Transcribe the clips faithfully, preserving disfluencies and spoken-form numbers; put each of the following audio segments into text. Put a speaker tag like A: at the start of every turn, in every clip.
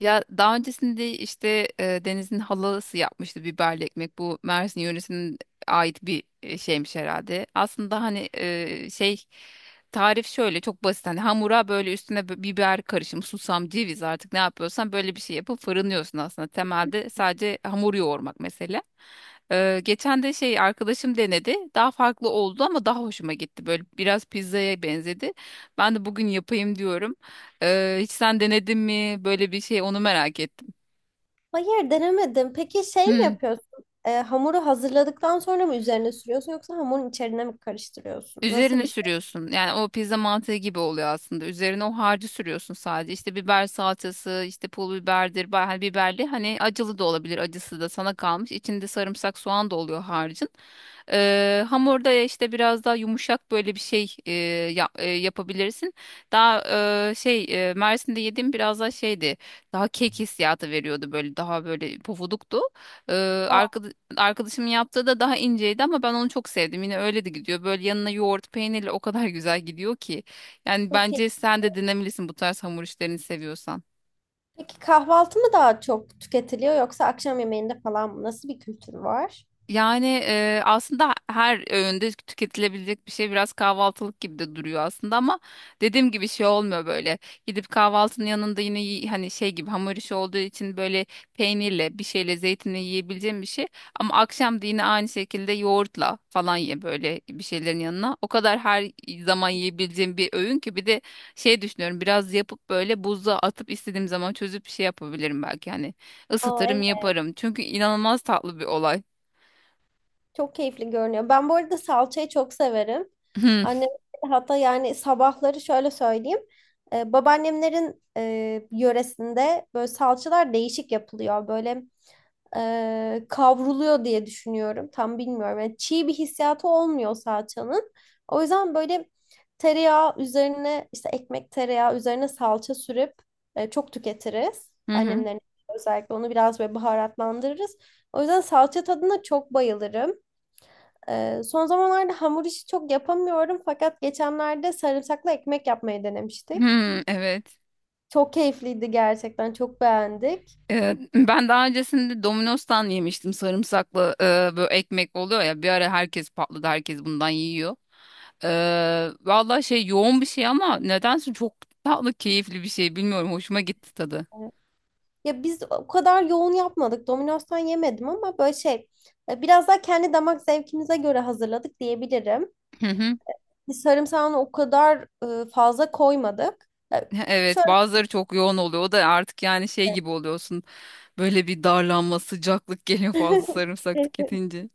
A: Ya daha öncesinde işte e, Deniz'in halası yapmıştı biberli ekmek. Bu Mersin yöresinin ait bir e, şeymiş herhalde. Aslında hani e, şey tarif şöyle çok basit. Hani hamura böyle üstüne bi- biber karışımı, susam, ceviz artık ne yapıyorsan böyle bir şey yapıp fırınlıyorsun aslında. Temelde sadece hamur yoğurmak mesela. E, geçen de şey arkadaşım denedi. Daha farklı oldu ama daha hoşuma gitti. Böyle biraz pizzaya benzedi. Ben de bugün yapayım diyorum. Ee, hiç sen denedin mi böyle bir şey, onu merak ettim.
B: Hayır, denemedim. Peki şey mi
A: Hmm.
B: yapıyorsun? Ee, hamuru hazırladıktan sonra mı üzerine sürüyorsun yoksa hamurun içerine mi karıştırıyorsun? Nasıl
A: Üzerine
B: bir şey?
A: sürüyorsun. Yani o pizza mantığı gibi oluyor aslında. Üzerine o harcı sürüyorsun sadece. İşte biber salçası, işte pul biberdir, ba- hani biberli. Hani acılı da olabilir, acısı da sana kalmış. İçinde sarımsak, soğan da oluyor harcın. Ee, hamurda ya işte biraz daha yumuşak böyle bir şey e, yap- e, yapabilirsin. Daha e, şey e, Mersin'de yediğim biraz daha şeydi. Daha kek hissiyatı veriyordu, böyle daha böyle pofuduktu. Ee,
B: Aa,
A: Arkadaşımın yaptığı da daha inceydi ama ben onu çok sevdim. Yine öyle de gidiyor. Böyle yanına yoğurt peynirle o kadar güzel gidiyor ki. Yani
B: çok iyi.
A: bence sen de denemelisin bu tarz hamur işlerini seviyorsan.
B: Peki kahvaltı mı daha çok tüketiliyor yoksa akşam yemeğinde falan mı? Nasıl bir kültür var?
A: Yani e, aslında her öğünde tüketilebilecek bir şey, biraz kahvaltılık gibi de duruyor aslında ama dediğim gibi şey olmuyor böyle. Gidip kahvaltının yanında yine yi- hani şey gibi hamur işi olduğu için böyle peynirle, bir şeyle, zeytinle yiyebileceğim bir şey. Ama akşam da yine aynı şekilde yoğurtla falan ye böyle bir şeylerin yanına. O kadar her zaman yiyebileceğim bir öğün ki, bir de şey düşünüyorum, biraz yapıp böyle buzluğa atıp istediğim zaman çözüp bir şey yapabilirim belki hani,
B: Aa,
A: ısıtırım
B: evet.
A: yaparım. Çünkü inanılmaz tatlı bir olay.
B: Çok keyifli görünüyor. Ben bu arada salçayı çok severim. Annem hatta yani sabahları şöyle söyleyeyim. Ee, babaannemlerin e, yöresinde böyle salçalar değişik yapılıyor. Böyle e, kavruluyor diye düşünüyorum. Tam bilmiyorum. Yani çiğ bir hissiyatı olmuyor salçanın. O yüzden böyle tereyağı üzerine işte ekmek tereyağı üzerine salça sürüp e, çok tüketiriz.
A: Hı hı.
B: Annemlerin özellikle onu biraz böyle baharatlandırırız. O yüzden salça tadına çok bayılırım. E, son zamanlarda hamur işi çok yapamıyorum fakat geçenlerde sarımsaklı ekmek yapmayı denemiştik.
A: Hmm, evet.
B: Çok keyifliydi gerçekten. Çok beğendik.
A: Ee, ben daha öncesinde Domino's'tan yemiştim sarımsaklı e, böyle ekmek oluyor ya, bir ara herkes patladı, herkes bundan yiyor. Ee, vallahi şey yoğun bir şey ama nedense çok tatlı, keyifli bir şey, bilmiyorum, hoşuma gitti tadı.
B: Evet. Ya biz o kadar yoğun yapmadık. Domino's'tan yemedim ama böyle şey e, biraz daha kendi damak zevkimize göre hazırladık diyebilirim.
A: Hı hı.
B: Biz sarımsağını o kadar e, fazla koymadık. Ya,
A: Evet,
B: şöyle.
A: bazıları çok yoğun oluyor, o da artık yani şey gibi oluyorsun, böyle bir darlanma, sıcaklık geliyor fazla sarımsak tüketince.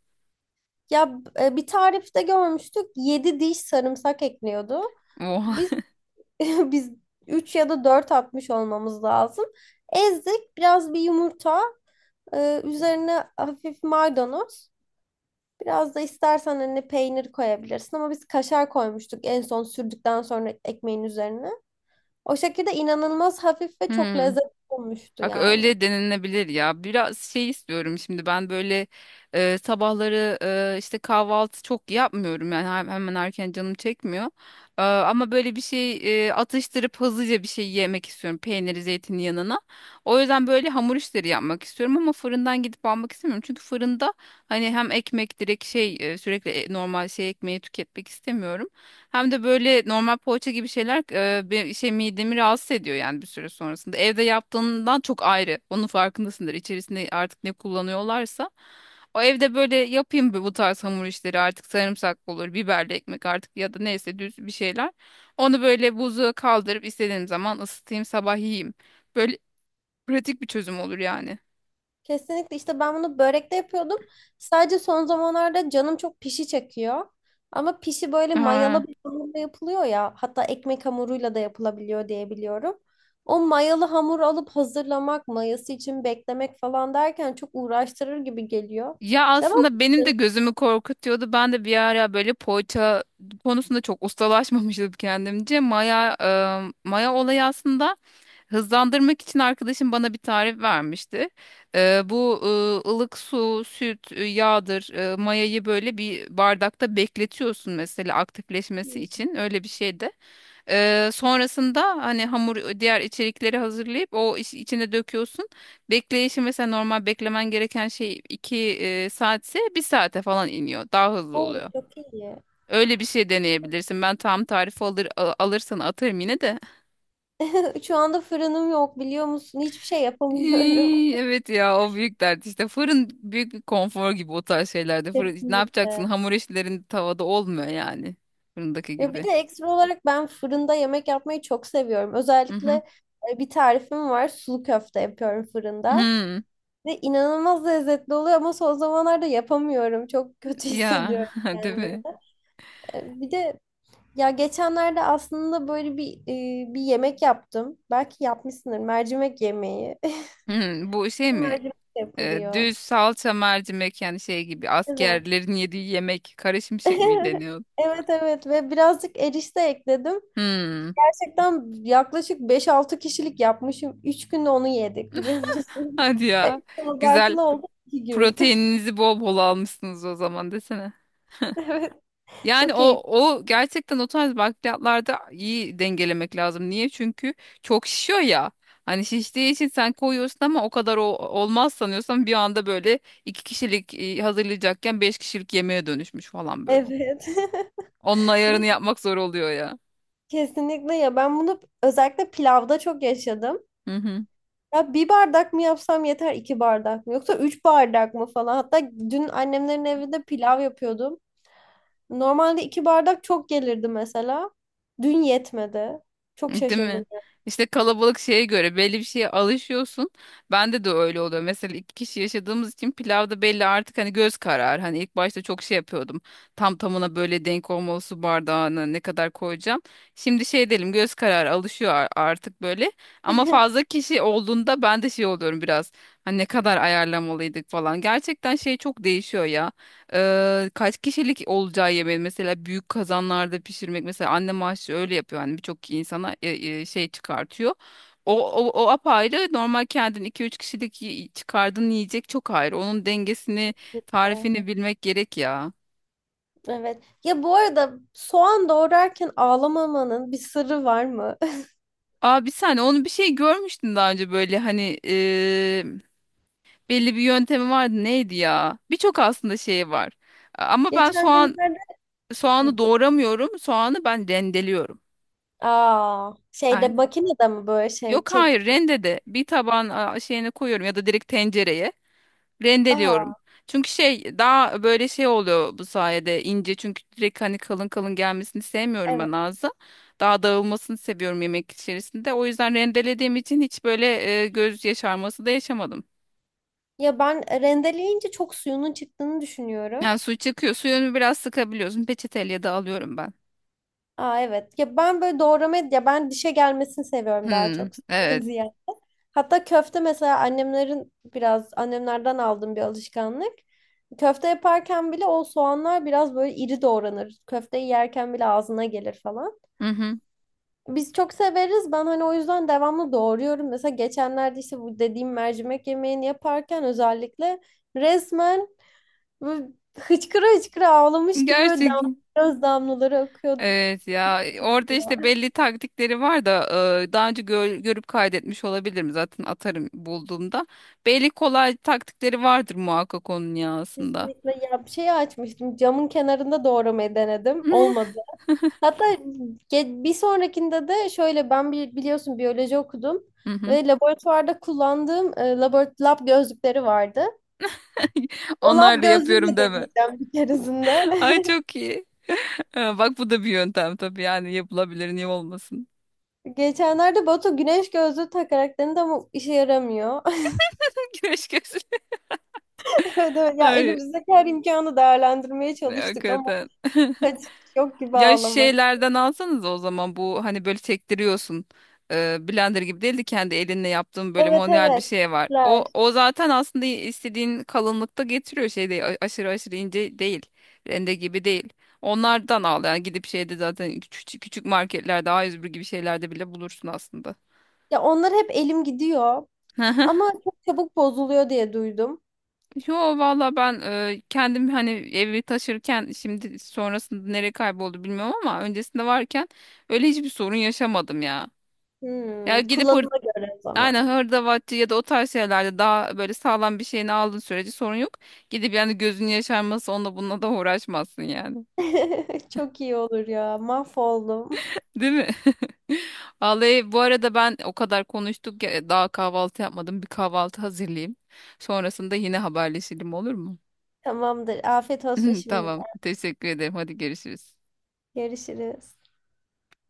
B: Ya, e, bir tarifte görmüştük, yedi diş sarımsak ekliyordu.
A: Oha.
B: Biz biz üç ya da dört atmış olmamız lazım. Ezdik biraz, bir yumurta, e, üzerine hafif maydanoz. Biraz da istersen hani peynir koyabilirsin ama biz kaşar koymuştuk en son, sürdükten sonra ekmeğin üzerine. O şekilde inanılmaz hafif ve çok
A: Hmm.
B: lezzetli olmuştu
A: Bak
B: yani.
A: öyle denilebilir ya. Biraz şey istiyorum şimdi ben, böyle e, sabahları e, işte kahvaltı çok yapmıyorum yani hem- hemen erken canım çekmiyor. E, ama böyle bir şey e, atıştırıp hızlıca bir şey yemek istiyorum, peyniri zeytinin yanına. O yüzden böyle hamur işleri yapmak istiyorum ama fırından gidip almak istemiyorum. Çünkü fırında hani hem ekmek direkt şey e, sürekli e, normal şey ekmeği tüketmek istemiyorum. Hem de böyle normal poğaça gibi şeyler e, be- şey midemi rahatsız ediyor yani bir süre sonrasında. Evde yaptığından çok ayrı. Onun farkındasındır. İçerisinde artık ne kullanıyorlarsa. O evde böyle yapayım bu bu tarz hamur işleri, artık sarımsak olur, biberli ekmek artık, ya da neyse düz bir şeyler. Onu böyle buzluğa kaldırıp istediğim zaman ısıtayım, sabah yiyeyim. Böyle pratik bir çözüm olur yani.
B: Kesinlikle, işte ben bunu börekte yapıyordum. Sadece son zamanlarda canım çok pişi çekiyor. Ama pişi böyle
A: Ha.
B: mayalı bir hamurla yapılıyor ya. Hatta ekmek hamuruyla da yapılabiliyor diye biliyorum. O mayalı hamur alıp hazırlamak, mayası için beklemek falan derken çok uğraştırır gibi geliyor.
A: Ya
B: Devam
A: aslında benim de
B: ediyorum.
A: gözümü korkutuyordu. Ben de bir ara böyle poğaça konusunda çok ustalaşmamıştım kendimce. Maya, e, maya olayı aslında, hızlandırmak için arkadaşım bana bir tarif vermişti. E, bu e, ılık su, süt, e, yağdır, e, mayayı böyle bir bardakta bekletiyorsun mesela aktifleşmesi için. Öyle bir şeydi. Ee, sonrasında hani hamur diğer içerikleri hazırlayıp o iç- içine döküyorsun. Bekleyişi mesela normal beklemen gereken şey 2 saatse bir saate falan iniyor. Daha hızlı
B: Oo,
A: oluyor.
B: çok iyi.
A: Öyle bir şey deneyebilirsin. Ben tam tarifi alır, a- alırsan atarım yine de.
B: Şu anda fırınım yok, biliyor musun? Hiçbir şey yapamıyorum.
A: İy, evet ya, o büyük dert işte. Fırın büyük bir konfor gibi o tarz şeylerde. Fırın, ne yapacaksın?
B: Kesinlikle.
A: Hamur işlerin tavada olmuyor yani. Fırındaki
B: Ya bir
A: gibi.
B: de ekstra olarak ben fırında yemek yapmayı çok seviyorum.
A: Hı
B: Özellikle
A: hı.
B: e, bir tarifim var. Sulu köfte yapıyorum fırında.
A: Hı.
B: Ve inanılmaz lezzetli oluyor ama son zamanlarda yapamıyorum. Çok kötü
A: Ya,
B: hissediyorum
A: değil
B: kendimi.
A: mi?
B: E, bir de ya geçenlerde aslında böyle bir e, bir yemek yaptım. Belki yapmışsındır. Mercimek yemeği.
A: Hı, bu şey mi?
B: Mercimek
A: Ee,
B: yapılıyor.
A: düz salça mercimek, yani şey gibi,
B: Evet.
A: askerlerin yediği yemek, kara şimşek mi deniyor?
B: Evet, evet ve birazcık erişte ekledim.
A: Hmm.
B: Gerçekten yaklaşık beş-altı kişilik yapmışım. Üç günde onu yedik, biliyor musun?
A: Hadi ya.
B: Evet,
A: Güzel.
B: abartılı oldu, iki gün.
A: Proteininizi bol bol almışsınız o zaman desene.
B: Evet.
A: Yani
B: Çok
A: o
B: keyifli.
A: o gerçekten o tarz bakliyatlarda iyi dengelemek lazım. Niye? Çünkü çok şişiyor ya. Hani şiştiği için sen koyuyorsun ama o kadar o, olmaz sanıyorsan bir anda böyle iki kişilik e, hazırlayacakken beş kişilik yemeğe dönüşmüş falan böyle.
B: Evet.
A: Onun
B: Ve
A: ayarını yapmak zor oluyor ya.
B: kesinlikle ya, ben bunu özellikle pilavda çok yaşadım.
A: Hı hı.
B: Ya bir bardak mı yapsam yeter, iki bardak mı yoksa üç bardak mı falan. Hatta dün annemlerin evinde pilav yapıyordum. Normalde iki bardak çok gelirdi mesela. Dün yetmedi. Çok
A: Değil
B: şaşırdım.
A: mi? İşte kalabalık şeye göre belli bir şeye alışıyorsun. Bende de öyle oluyor. Mesela iki kişi yaşadığımız için pilavda belli artık hani, göz karar. Hani ilk başta çok şey yapıyordum. Tam tamına böyle denk olmalı, su bardağını ne kadar koyacağım. Şimdi şey diyelim, göz kararı alışıyor ar- artık böyle. Ama fazla kişi olduğunda ben de şey oluyorum biraz. Hani ne kadar ayarlamalıydık falan. Gerçekten şey çok değişiyor ya. Eee, kaç kişilik olacağı yemeği mesela, büyük kazanlarda pişirmek mesela, annem aşçı öyle yapıyor hani, birçok insana e, e, şey çıkartıyor. O, o, o apayrı, normal kendin iki üç kişilik yi- çıkardığın yiyecek çok ayrı. Onun dengesini, tarifini bilmek gerek ya.
B: Evet. Ya bu arada soğan doğrarken ağlamamanın bir sırrı var mı?
A: Abi sen onu bir şey görmüştün daha önce, böyle hani eee, belli bir yöntemi vardı, neydi ya? Birçok aslında şey var. Ama ben
B: Geçen
A: soğan
B: günlerde,
A: soğanı doğramıyorum. Soğanı ben rendeliyorum.
B: aa, şeyde, makinede mi böyle şey
A: Yok,
B: çek.
A: hayır, rendede bir taban a, şeyini koyuyorum ya da direkt tencereye
B: Aa,
A: rendeliyorum. Çünkü şey daha böyle şey oluyor, bu sayede ince, çünkü direkt hani kalın kalın gelmesini sevmiyorum
B: evet.
A: ben ağza. Daha dağılmasını seviyorum yemek içerisinde. O yüzden rendelediğim için hiç böyle e, göz yaşarması da yaşamadım.
B: Ya ben rendeleyince çok suyunun çıktığını düşünüyorum.
A: Yani su çıkıyor. Suyunu biraz sıkabiliyorsun. Peçeteyle de alıyorum ben.
B: Aa, evet. Ya ben böyle doğramayı, ya ben dişe gelmesini seviyorum daha
A: Hmm,
B: çok, suyundan
A: evet.
B: ziyade. Hatta köfte mesela annemlerin, biraz annemlerden aldığım bir alışkanlık. Köfte yaparken bile o soğanlar biraz böyle iri doğranır. Köfteyi yerken bile ağzına gelir falan.
A: Hı hı.
B: Biz çok severiz. Ben hani o yüzden devamlı doğruyorum. Mesela geçenlerde işte bu dediğim mercimek yemeğini yaparken özellikle resmen böyle hıçkıra hıçkıra ağlamış gibi böyle
A: Gerçek.
B: dam göz damlaları akıyordu.
A: Evet ya, orada işte belli taktikleri var da e, daha önce gö- görüp kaydetmiş olabilirim, zaten atarım bulduğumda. Belli kolay taktikleri vardır muhakkak onun ya aslında.
B: Kesinlikle, ya bir şey açmıştım. Camın kenarında doğramayı denedim. Olmadı. Hatta ge- bir sonrakinde de şöyle, ben bir, biliyorsun, biyoloji okudum
A: Hı hı.
B: ve laboratuvarda kullandığım e, labor lab gözlükleri vardı. O lab
A: Onlarla yapıyorum
B: gözlüğüyle
A: deme.
B: deneyeceğim bir keresinde.
A: Ay, çok iyi. Ha, bak bu da bir yöntem tabii, yani yapılabilir, niye olmasın.
B: Geçenlerde Batu güneş gözlüğü takarak denedi ama işe yaramıyor.
A: Güneş gözlüğü.
B: Evet, evet. Ya
A: Ay,
B: elimizdeki her imkanı değerlendirmeye çalıştık ama
A: hakikaten.
B: kaçış yok gibi,
A: Ya
B: ağlamak.
A: şeylerden alsanız o zaman, bu hani böyle sektiriyorsun. Ee, blender gibi değil de kendi elinle yaptığın böyle
B: Evet,
A: manuel bir
B: evet.
A: şey var. O
B: Teşekkürler.
A: o zaten aslında istediğin kalınlıkta getiriyor, şey değil, a- aşırı aşırı ince değil. Rende gibi değil. Onlardan al yani, gidip şeyde zaten, küçük küçük marketlerde, A yüz bir gibi şeylerde bile bulursun aslında.
B: Ya onlar hep elim gidiyor ama çok çabuk bozuluyor diye duydum.
A: Yo, valla ben e, kendim hani evi taşırken şimdi sonrasında nereye kayboldu bilmiyorum, ama öncesinde varken öyle hiçbir sorun yaşamadım ya. Ya
B: Hmm,
A: gidip,
B: kullanıma göre o
A: aynen,
B: zaman.
A: hırdavatçı ya da o tarz şeylerde daha böyle sağlam bir şeyini aldığın sürece sorun yok. Gidip yani, gözün yaşarması, onunla bununla da uğraşmazsın yani.
B: Çok iyi olur ya. Mahvoldum.
A: Değil mi? Vallahi bu arada, ben o kadar konuştuk ya, daha kahvaltı yapmadım. Bir kahvaltı hazırlayayım. Sonrasında yine haberleşelim, olur mu?
B: Tamamdır. Afiyet olsun şimdi.
A: Tamam. Teşekkür ederim. Hadi görüşürüz.
B: Görüşürüz.